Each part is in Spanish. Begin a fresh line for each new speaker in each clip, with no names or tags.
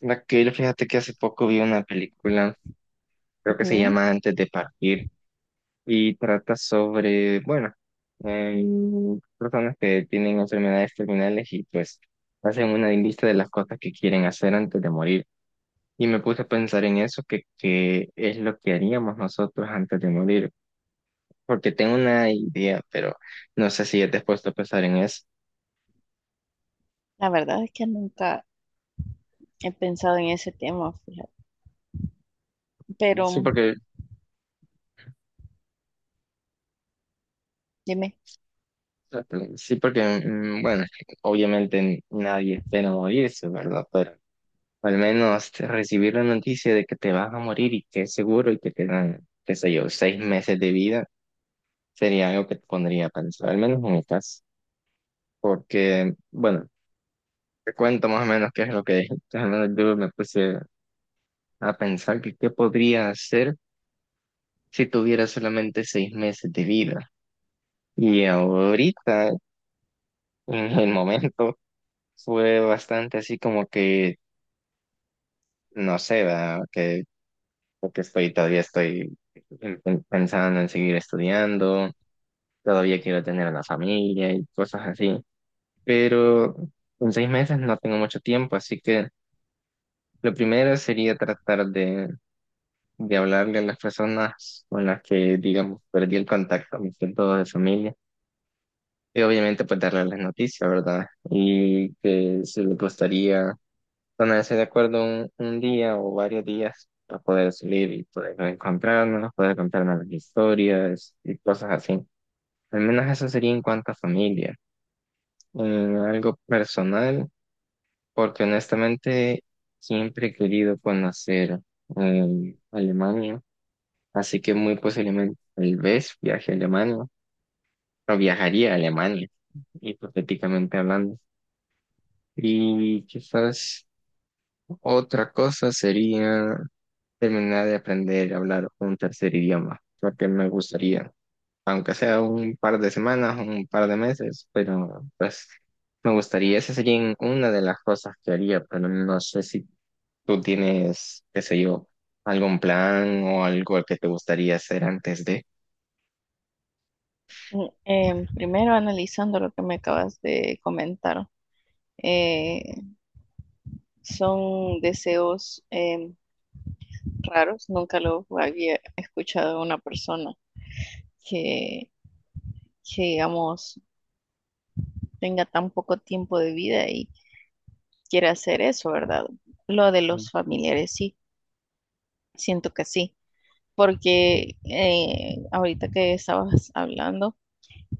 Raquel, fíjate que hace poco vi una película, creo que se
Ujú.
llama Antes de partir, y trata sobre, bueno, eh, personas que tienen enfermedades terminales y pues hacen una lista de las cosas que quieren hacer antes de morir. Y me puse a pensar en eso, que es lo que haríamos nosotros antes de morir, porque tengo una idea, pero no sé si te has puesto a pensar en eso.
La verdad es que nunca he pensado en ese tema, fíjate. Pero
Sí, porque,
dime,
sí, porque, bueno, obviamente nadie espera morirse, ¿verdad? Pero o al menos recibir la noticia de que te vas a morir y que es seguro y que te dan, qué sé yo, 6 meses de vida, sería algo que te pondría a pensar, al menos en mi caso. Porque, bueno, te cuento más o menos qué es lo que al menos yo me puse a pensar que qué podría hacer si tuviera solamente 6 meses de vida. Y ahorita, en el momento, fue bastante así como que, no sé, ¿verdad? Que, porque todavía estoy pensando en seguir estudiando, todavía quiero tener una familia y cosas así, pero en 6 meses no tengo mucho tiempo, así que lo primero sería tratar de hablarle a las personas con las que, digamos, perdí el contacto, me siento de familia, y obviamente pues darle las noticias, ¿verdad? Y que si les gustaría ponerse de acuerdo un día o varios días para poder salir y poder encontrarnos, poder contarnos las historias y cosas así. Al menos eso sería en cuanto a familia. Eh, Algo personal, porque honestamente siempre he querido conocer Alemania, así que muy posiblemente tal vez viaje a Alemania, o viajaría a Alemania, hipotéticamente hablando. Y quizás otra cosa sería terminar de aprender a hablar un tercer idioma, porque me gustaría, aunque sea un par de semanas, un par de meses, pero pues me gustaría, esa sería una de las cosas que haría, pero no sé si tú tienes, qué sé yo, algún plan o algo que te gustaría hacer antes de.
primero analizando lo que me acabas de comentar, eh, son deseos raros, nunca los había escuchado de una persona que, que, digamos, tenga tan poco tiempo de vida y quiera hacer eso, ¿verdad? Lo de los familiares, sí, siento que sí, porque ahorita que estabas hablando,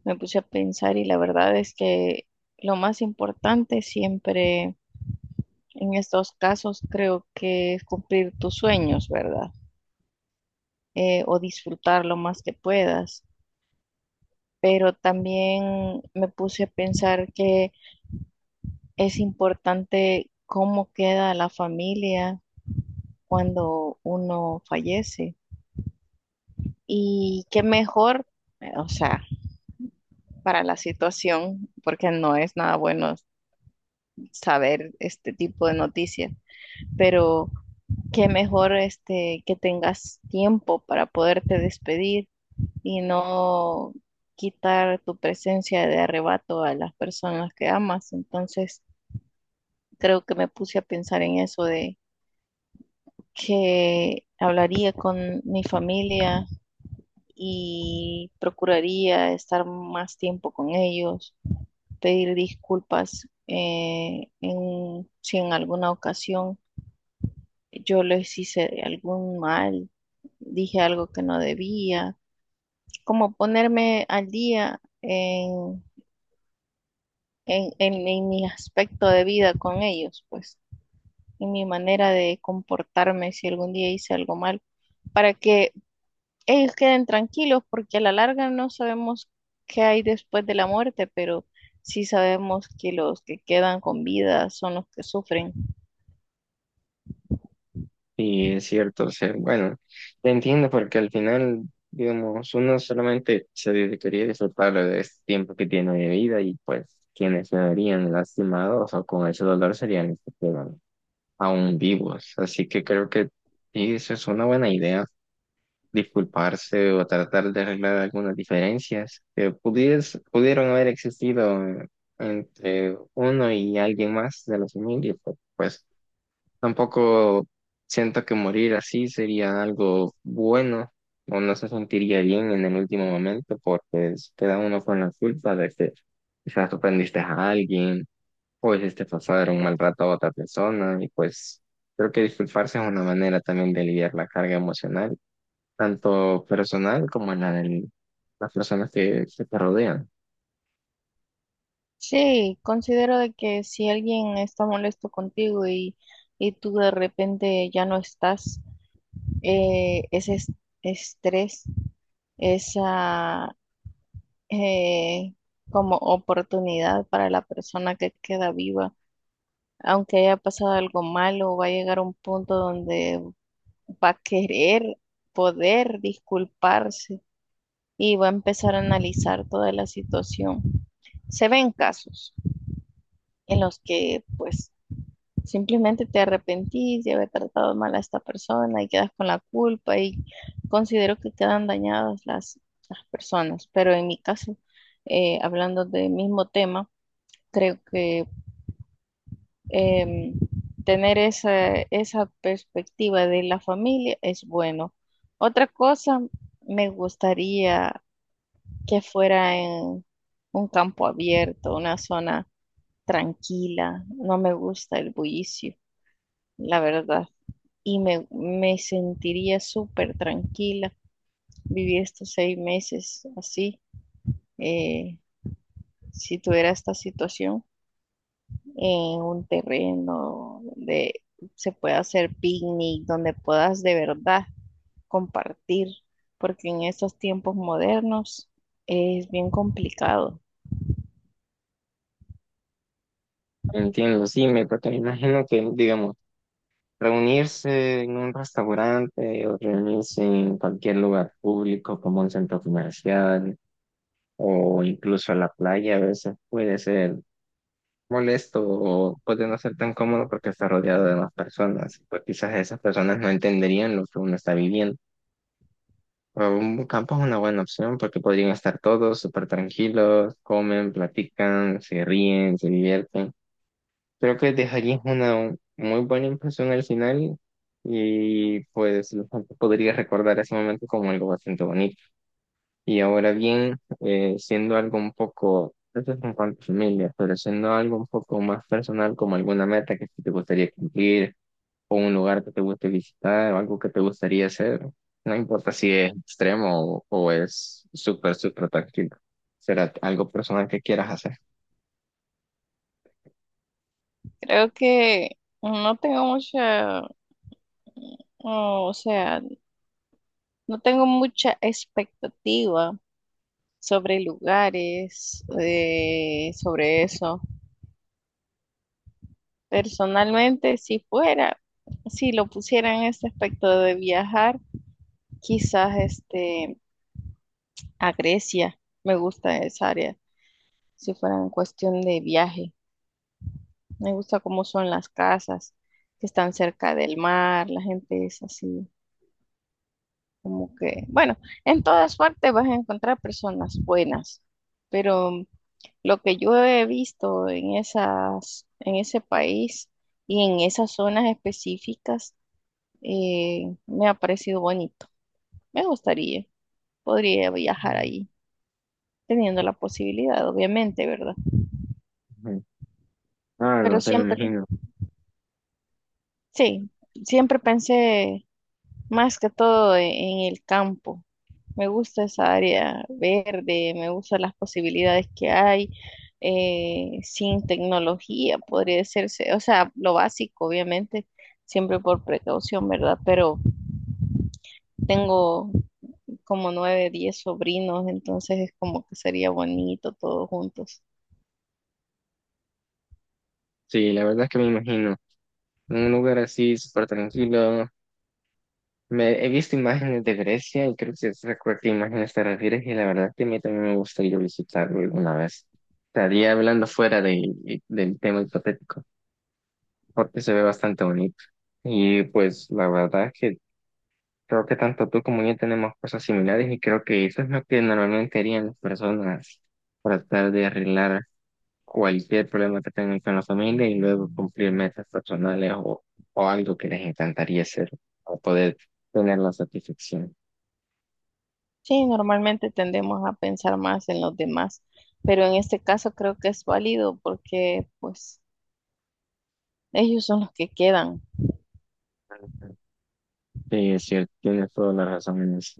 me puse a pensar y la verdad es que lo más importante siempre en estos casos creo que es cumplir tus sueños, ¿verdad? O disfrutar lo más que puedas. Pero también me puse a pensar que es importante cómo queda la familia cuando uno fallece. Y qué mejor, o sea, para la situación, porque no es nada bueno saber este tipo de noticias, pero que mejor este, que tengas tiempo para poderte despedir y no quitar tu presencia de arrebato a las personas que amas. Entonces, creo que me puse a pensar en eso de que hablaría con mi familia y procuraría estar más tiempo con ellos, pedir disculpas si en alguna ocasión yo les hice algún mal, dije algo que no debía, como ponerme al día en mi aspecto de vida con ellos, pues, en mi manera de comportarme si algún día hice algo mal, para que ellos queden tranquilos, porque a la larga no sabemos qué hay después de la muerte, pero sí sabemos que los que quedan con vida son los que sufren.
Y es cierto, o sea, bueno, te entiendo porque al final, digamos, uno solamente se dedicaría a disfrutar de este tiempo que tiene de vida y pues quienes se verían lastimados o con ese dolor serían los que quedan aún vivos. Así que creo que sí, eso es una buena idea, disculparse o tratar de arreglar algunas diferencias que pudieron haber existido, entre uno y alguien más de la familia. Pero, pues tampoco siento que morir así sería algo bueno o no se sentiría bien en el último momento porque queda uno con la culpa de que quizás ofendiste a alguien o hiciste pasar un mal rato a otra persona y pues creo que disculparse es una manera también de aliviar la carga emocional, tanto personal como la de las personas que te rodean.
Sí, considero de que si alguien está molesto y tú de repente ya no estás, eh, ese es- estrés, esa eh, como oportunidad para la persona que queda viva, aunque haya pasado algo malo, va a llegar un punto donde va a querer poder disculparse y va a empezar a analizar toda la situación. Se ven casos en los que pues simplemente te arrepentís de haber tratado mal a esta persona y quedas con la culpa y considero que quedan dañadas las personas. Pero en mi caso, hablando del mismo tema, creo que em, tener esa perspectiva de la familia es bueno. Otra cosa, me gustaría que fuera en un campo abierto, una zona tranquila. No me gusta el bullicio, la verdad. Y me sentiría súper tranquila vivir estos 6 meses así, eh, si tuviera esta situación en un terreno donde se pueda hacer picnic, donde puedas de verdad compartir, porque en estos tiempos modernos es bien complicado.
Entiendo, sí, me, porque me imagino que, digamos, reunirse en un restaurante o reunirse en cualquier lugar público como un centro comercial o incluso a la playa a veces puede ser molesto o puede no ser tan cómodo porque está rodeado de más personas. Pues quizás esas personas no entenderían lo que uno está viviendo. Pero un campo es una buena opción porque podrían estar todos súper tranquilos, comen, platican, se ríen, se divierten. Creo que dejarías una muy buena impresión al final y pues la gente podría recordar ese momento como algo bastante bonito. Y ahora bien, siendo algo un poco, eso es en cuanto a familia, pero siendo algo un poco más personal, como alguna meta que sí te gustaría cumplir, o un lugar que te guste visitar, o algo que te gustaría hacer, no importa si es extremo o es súper, súper tranquilo, será algo personal que quieras hacer.
Creo que no tengo mucha, no, o sea, no tengo mucha expectativa sobre lugares, sobre eso. Personalmente, si lo pusiera en este aspecto de viajar, quizás este, a Grecia, me gusta esa área, si fuera en cuestión de viaje. Me gusta cómo son las casas que están cerca del mar, la gente es así. Como que, bueno, en todas partes vas a encontrar personas buenas, pero lo que yo he visto en en ese país y en esas zonas específicas, me ha parecido bonito. Me gustaría, podría viajar
Ujú.
ahí, teniendo la posibilidad, obviamente, ¿verdad?
Ah, no
Pero
sé, me imagino.
sí, siempre pensé más que todo en el campo. Me gusta esa área verde, me gustan las posibilidades que hay sin tecnología, podría decirse, o sea, lo básico, obviamente, siempre por precaución, ¿verdad? Pero tengo como 9, 10 sobrinos, entonces es como que sería bonito todos juntos.
Sí, la verdad es que me imagino. Un lugar así súper tranquilo. Me, he visto imágenes de Grecia y creo que sé a qué imágenes te refieres y la verdad que a mí también me gustaría visitarlo alguna vez. Estaría hablando fuera de, del tema hipotético porque se ve bastante bonito. Y pues la verdad es que creo que tanto tú como yo tenemos cosas similares y creo que eso es lo que normalmente harían las personas para tratar de arreglar cualquier problema que tengan con la familia y luego cumplir metas personales o algo que les encantaría hacer o poder tener la satisfacción.
Sí, normalmente tendemos a pensar más en los demás, pero en este caso creo que es válido porque pues ellos son los que quedan.
Sí, es cierto, tienes toda la razón en eso.